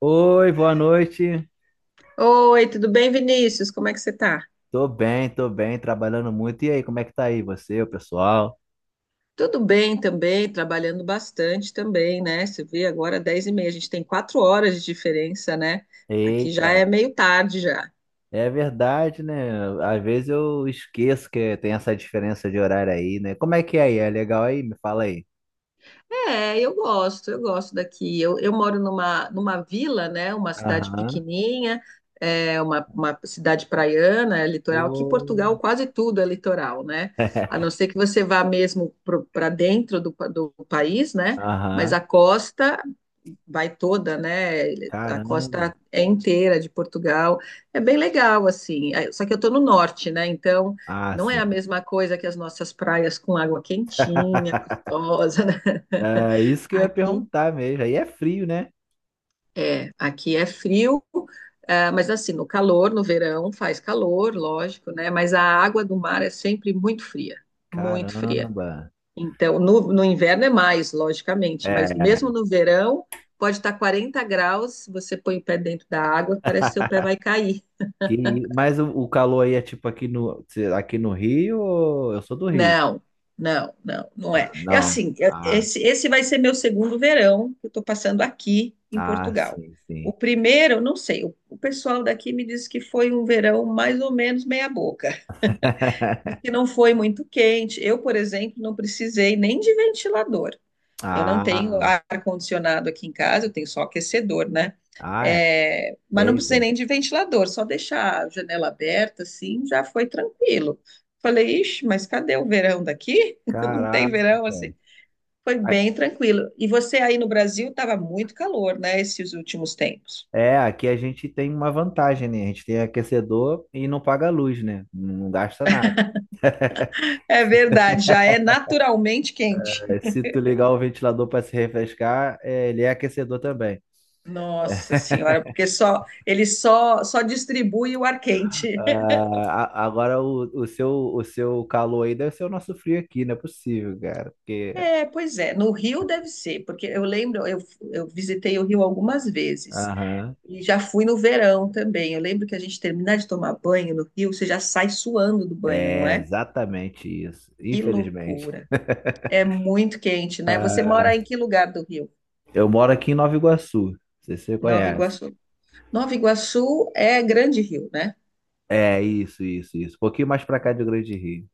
Oi, boa noite. Oi, tudo bem, Vinícius? Como é que você tá? Tô bem, trabalhando muito. E aí, como é que tá aí você, o pessoal? Tudo bem também, trabalhando bastante também, né? Você vê agora 10 e meia, a gente tem quatro horas de diferença, né? Aqui já é Eita, meio tarde já. é verdade, né? Às vezes eu esqueço que tem essa diferença de horário aí, né? Como é que é aí? É legal aí? Me fala aí. É, eu gosto daqui. Eu moro numa vila, né? Uma cidade Aham. pequenininha, é uma cidade praiana, é litoral. Aqui em Portugal Pô. quase tudo é litoral, né? A não ser que você vá mesmo para dentro do do país, né? Mas Aham. a costa vai toda, né? A Caramba. costa é inteira de Portugal. É bem legal, assim. Aí- Só que eu estou no norte, né? Então Ah, não é a sim. mesma coisa que as nossas praias com água quentinha, gostosa, né? É isso que eu ia Aqui perguntar mesmo. Aí é frio, né? aqui é frio, ah, mas assim, no calor, no verão faz calor, lógico, né? Mas a água do mar é sempre muito fria, muito fria. Caramba. Então, no inverno é mais, logicamente, mas É. mesmo no verão pode estar 40 graus, você põe o pé dentro da água, parece que seu pé vai cair. Que, mas o calor aí é tipo aqui aqui no Rio, ou- eu sou do Rio. Não, não, não Ah, é. É não. assim, eu- Ah, esse vai ser meu segundo verão que eu estou passando aqui em ah, Portugal. sim, O sim. primeiro, não sei, o pessoal daqui me disse que foi um verão mais ou menos meia boca. Diz que não foi muito quente. Eu, por exemplo, não precisei nem de ventilador. Eu não tenho Ah, ar-condicionado aqui em casa, eu tenho só aquecedor, né? ah, é. É, mas não Eita, precisei nem de ventilador, só deixar a janela aberta, assim, já foi tranquilo. Falei, ixi, mas cadê o verão daqui? Não tem caraca. verão, assim. Foi A- bem tranquilo. E você aí no Brasil estava muito calor, né, esses últimos tempos. é, aqui a gente tem uma vantagem, né? A gente tem aquecedor e não paga luz, né? Não gasta nada. É verdade, já é naturalmente quente. É, se tu ligar o ventilador para se refrescar, é, ele é aquecedor também. Nossa senhora, porque só ele só distribui o ar quente. Ah, a- agora o seu, o seu calor aí deve ser o nosso frio aqui, não é possível, cara. Porque É, pois é, no Rio deve ser, porque eu lembro, eu visitei o Rio algumas vezes aham. e já fui no verão também. Eu lembro que a gente terminar de tomar banho no Rio, você já sai suando do banho, não É é? exatamente isso. Que Infelizmente. loucura. É muito quente, né? Você mora em que lugar do Rio? Eu moro aqui em Nova Iguaçu. Não sei se você Nova conhece. Iguaçu. Nova Iguaçu é Grande Rio, né? É, isso, isso, isso. Um pouquinho mais pra cá de Grande Rio.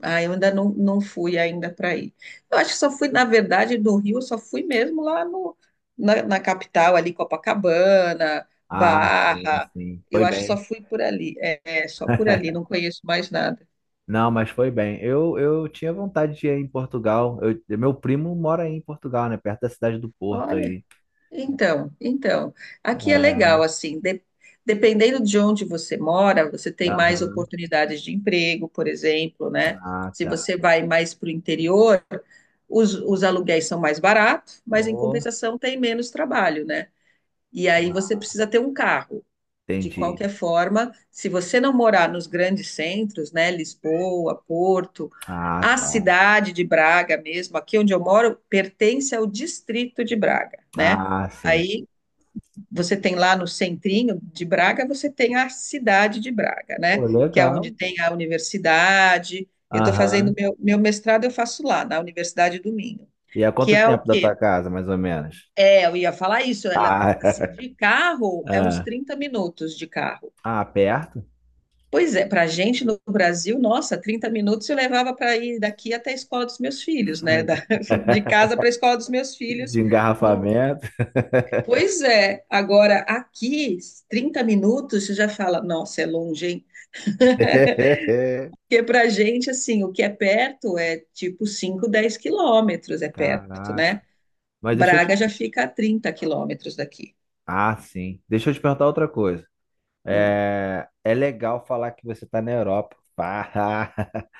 Ah, eu ainda não fui ainda para aí. Eu acho que só fui, na verdade, do Rio, eu só fui mesmo lá no, na, na capital, ali, Copacabana, Ah, sim, Barra. sim. Eu Foi acho que só bem. fui por ali. É, só por ali, não conheço mais nada. Não, mas foi bem. Eu tinha vontade de ir em Portugal. Eu- meu primo mora aí em Portugal, né? Perto da cidade do Porto Olha. aí. Então, aqui é legal, É. assim, de- dependendo de onde você mora, você tem mais Aham. oportunidades de emprego, por exemplo, né? Ah, Se tá. você vai mais para o interior, os aluguéis são mais baratos, mas em Boa. compensação tem menos trabalho, né? E aí você Ah, precisa ter um carro. De entendi. qualquer forma, se você não morar nos grandes centros, né? Lisboa, Porto, Ah, a tá. cidade de Braga mesmo, aqui onde eu moro, pertence ao distrito de Braga, né? Ah, sim. Aí você tem lá no centrinho de Braga, você tem a cidade de Braga, né? Pô, Que é legal. onde tem a universidade. Eu estou fazendo Aham. meu mestrado, eu faço lá, na Universidade do Minho. E há Que quanto é o tempo da quê? tua casa, mais ou menos? É, eu ia falar isso, ela, Ah, assim, de carro é uns ah, 30 minutos de carro. ah, perto Pois é, para a gente no Brasil, nossa, 30 minutos eu levava para ir daqui até a escola dos meus filhos, né? Da- de casa para a escola dos meus de filhos, engarrafamento. pois é, agora aqui, 30 minutos, você já fala, nossa, é longe, hein? Porque pra gente, assim, o que é perto é tipo 5 10 quilômetros é perto, Caraca. né? Mas deixa eu te... Braga já fica a 30 quilômetros daqui. Ah, sim. Deixa eu te perguntar outra coisa. Hum. É, é legal falar que você tá na Europa. Pá.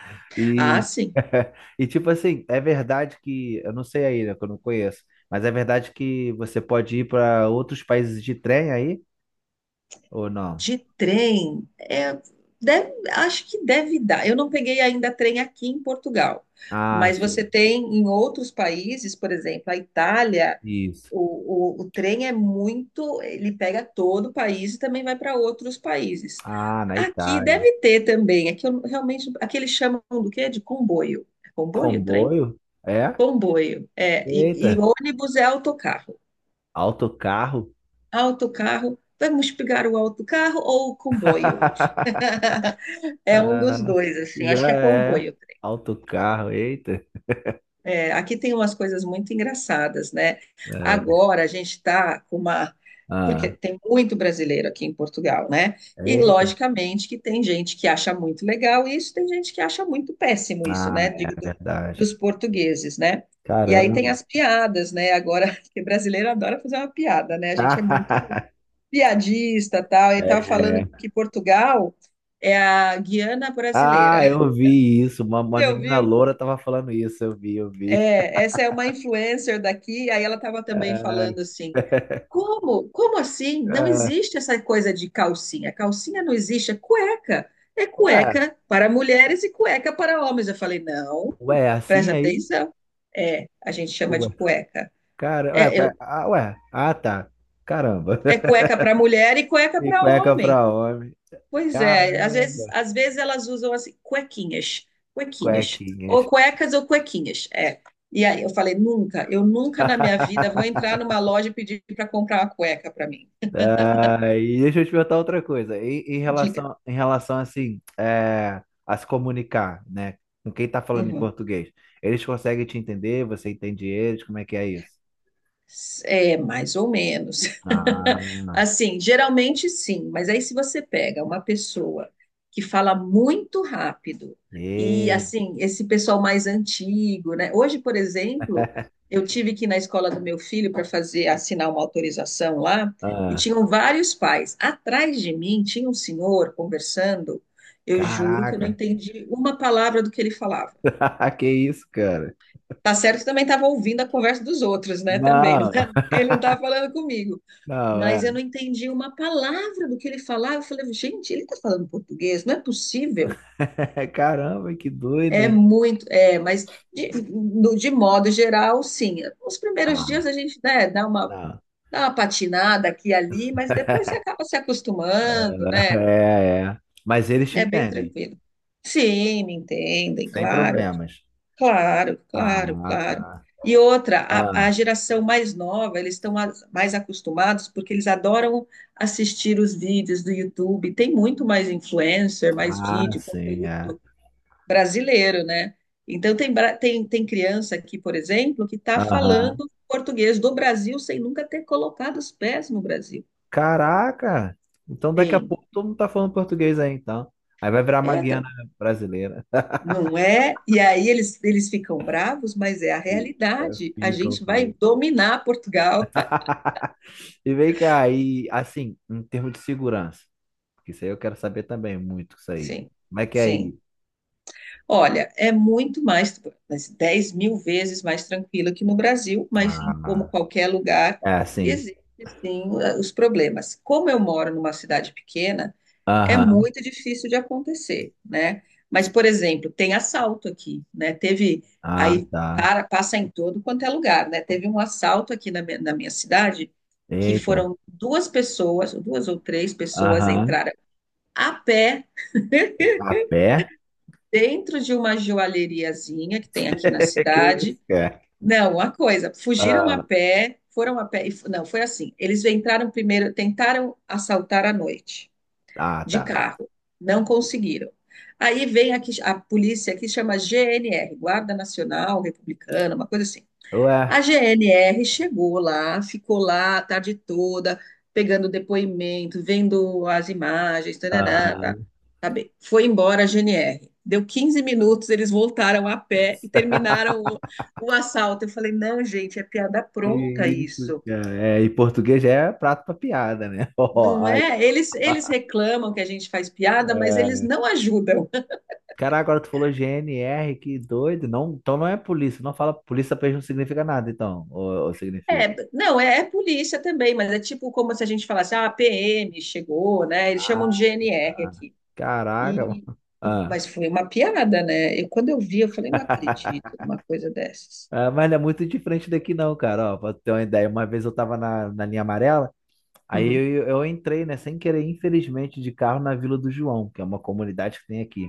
Ah, E, sim, e tipo assim, é verdade que... Eu não sei aí, né? Que eu não conheço. Mas é verdade que você pode ir para outros países de trem aí? Ou não? de trem, é, deve- acho que deve dar. Eu não peguei ainda trem aqui em Portugal, Ah, mas você sim. tem em outros países, por exemplo, a Itália. Isso. O trem é muito, ele pega todo o país e também vai para outros países. Ah, na Aqui Itália. deve ter também, aqui eu realmente, aqui eles chamam do quê? De comboio. É comboio, trem? Comboio? É? Comboio. É, e Eita, ônibus é autocarro. autocarro. Autocarro, vamos pegar o autocarro ou o comboio hoje? É um dos Ah, dois, que assim, acho gra... que é É, comboio. autocarro, eita. É, aqui tem umas coisas muito engraçadas, né? É. Agora a gente está com uma. Porque Ah, tem muito brasileiro aqui em Portugal, né? E eita. logicamente que tem gente que acha muito legal isso, tem gente que acha muito péssimo isso, Ah, né? é Digo, do- dos verdade. portugueses, né? E aí Caramba. tem as piadas, né? Agora, que brasileiro adora fazer uma piada, né? A gente é muito piadista, tal. Ele estava falando É. que Portugal é a Guiana brasileira. Ah, eu vi isso. Uma Você menina ouviu. loura tava falando isso. Eu vi, eu vi. É, essa é uma influencer daqui, aí ela estava também Ah, ah. falando assim: como? Como assim? Não existe essa coisa de calcinha. Calcinha não existe, é cueca. É Ué, cueca para mulheres e cueca para homens. Eu falei: não, ué, assim presta aí? atenção. É, a gente chama Ué, de cueca. cara, ué, É, eu- ué, ah, tá. Caramba. é cueca para mulher e cueca E para cueca homem. pra homem. Pois é, às Caramba, vezes, às vezes elas usam assim, cuequinhas, cuequinhas, ou cuequinhas. cuecas ou cuequinhas, é. E aí eu falei, nunca, eu nunca na minha vida vou entrar numa loja e pedir para comprar uma cueca para mim. Ah, e deixa eu te perguntar outra coisa. Em Diga. relação, em relação assim, é, a se comunicar, né? Com quem tá falando em Uhum. português. Eles conseguem te entender? Você entende eles? Como é que é isso? É, mais ou menos. Ah, Assim, geralmente sim, mas aí se você pega uma pessoa que fala muito rápido e e, assim, esse pessoal mais antigo, né? Hoje, por exemplo, eu tive que ir na escola do meu filho para fazer assinar uma autorização lá e ah, tinham vários pais. Atrás de mim tinha um senhor conversando. Eu juro que eu não caraca. entendi uma palavra do que ele falava. Que isso, cara? Tá certo que também estava ouvindo a conversa dos outros, né? Também, não Não. era- ele não estava falando comigo, Não, mas eu é. não entendi uma palavra do que ele falava. Eu falei, gente, ele está falando português, não é possível. Caramba, que doido, É hein? muito, é, mas de, no- de modo geral, sim. Os primeiros dias Ah, a gente, né, dá uma, não. dá uma patinada aqui e ali, mas depois você acaba se acostumando, É, né? é. É. Mas eles te É bem entendem, tranquilo. Sim, me entendem, sem claro. problemas. Claro, claro, Ah, claro. tá. E outra, a Ah, geração mais nova, eles estão as- mais acostumados porque eles adoram assistir os vídeos do YouTube. Tem muito mais influencer, mais ah, vídeo, sim, é. conteúdo brasileiro, né? Então, tem, bra- tem criança aqui, por exemplo, que está Aham. falando português do Brasil sem nunca ter colocado os pés no Brasil. Caraca! Então daqui a Tem. pouco todo mundo tá falando português aí, então. Aí vai virar uma É, tá- Guiana brasileira. não é? E aí eles ficam bravos, mas é a E- é, realidade. A fica, gente vai fica. dominar Portugal. E vem cá, e assim, em termos de segurança, porque isso aí eu quero saber também muito, isso aí. Sim, Como é que é aí? sim. Olha, é muito mais, mas 10 mil vezes mais tranquilo que no Brasil, mas em como Ah, qualquer lugar, é assim. existem sim os problemas. Como eu moro numa cidade pequena, é Aham. muito difícil de acontecer, né? Mas, por exemplo, tem assalto aqui, né? Teve, Ah, aí tá. para, passa em todo quanto é lugar, né? Teve um assalto aqui na minha cidade, que Eita. foram duas pessoas, duas ou três pessoas Aham. entraram a pé A pé? dentro de uma joalheriazinha que tem aqui na Que isso, cidade. cara? Não, uma coisa, fugiram a Ah, pé, foram a pé. E f- Não, foi assim. Eles entraram primeiro, tentaram assaltar à noite, ah, de tá. carro. Não conseguiram. Aí vem aqui a polícia que chama GNR, Guarda Nacional Republicana, uma coisa assim. Ué, A GNR chegou lá, ficou lá a tarde toda, pegando depoimento, vendo as imagens, tarará, ah, tá, tá bem. Foi embora a GNR. Deu 15 minutos, eles voltaram a pé e terminaram o assalto. Eu falei, não, gente, é piada que pronta isso, isso. cara? É, em português já é prato pra piada, né? Ó, Não aí, é? Eles ó. reclamam que a gente faz piada, mas eles É. não ajudam. Cara, agora tu falou GNR, que doido. Não, então não é polícia. Não fala polícia pra eles não significa nada, então. Ou É, significa? não, é, é polícia também, mas é tipo como se a gente falasse, ah, a PM chegou, né? Eles chamam de Ah, GNR aqui. caraca, E, mano. Ah, mas foi uma piada, né? Eu, quando eu vi, eu falei, não acredito numa coisa dessas. ah, mas não é muito diferente daqui, não, cara. Ó, pra tu ter uma ideia, uma vez eu tava na, na linha amarela. Aí Uhum, eu entrei, né, sem querer, infelizmente, de carro na Vila do João, que é uma comunidade que tem aqui.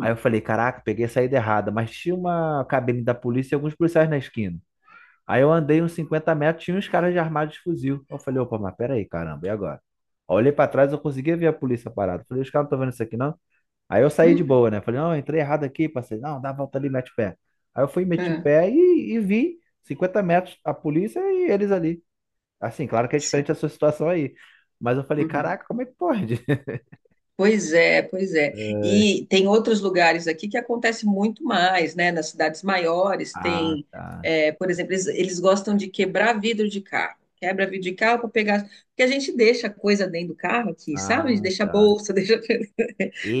Aí eu falei, caraca, peguei a saída errada, mas tinha uma cabine da polícia e alguns policiais na esquina. Aí eu andei uns 50 metros, tinha uns caras de armados de fuzil. Eu falei, opa, mas peraí, caramba, e agora? Aí eu olhei pra trás, eu conseguia ver a polícia parada. Falei, os caras não estão vendo isso aqui, não? Aí eu saí de uhum, boa, né? Falei, não, entrei errado aqui, passei, não, dá a volta ali, mete o pé. Aí eu fui, meti o é, pé e vi 50 metros a polícia e eles ali. Assim, claro que é sim, diferente a sua situação aí. Mas eu falei, uhum. caraca, como é que pode? Pois é, pois é. Ai, E tem outros lugares aqui que acontece muito mais, né? Nas cidades maiores ah, tem, tá. é, por exemplo, eles gostam de quebrar vidro de carro. Quebra vidro de carro para pegar. Porque a gente deixa coisa dentro do carro aqui, sabe? A gente Ah, deixa tá. bolsa, deixa.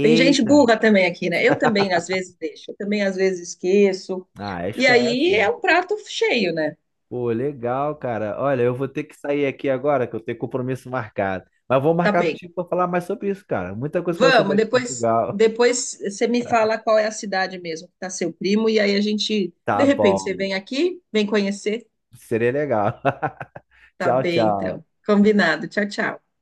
Tem gente burra também aqui, né? Eu também às vezes deixo, eu também às vezes esqueço. Ah, E esquece. aí é um prato cheio, né? Pô, legal, cara. Olha, eu vou ter que sair aqui agora, que eu tenho compromisso marcado. Mas vou Tá marcar bem. contigo para falar mais sobre isso, cara. Muita coisa que eu quero Vamos, saber de depois, Portugal. depois você me fala qual é a cidade mesmo que está seu primo, e aí a gente, de Tá repente, você bom. vem aqui, vem conhecer. Seria legal. Tá Tchau, bem, tchau. então. Combinado. Tchau, tchau.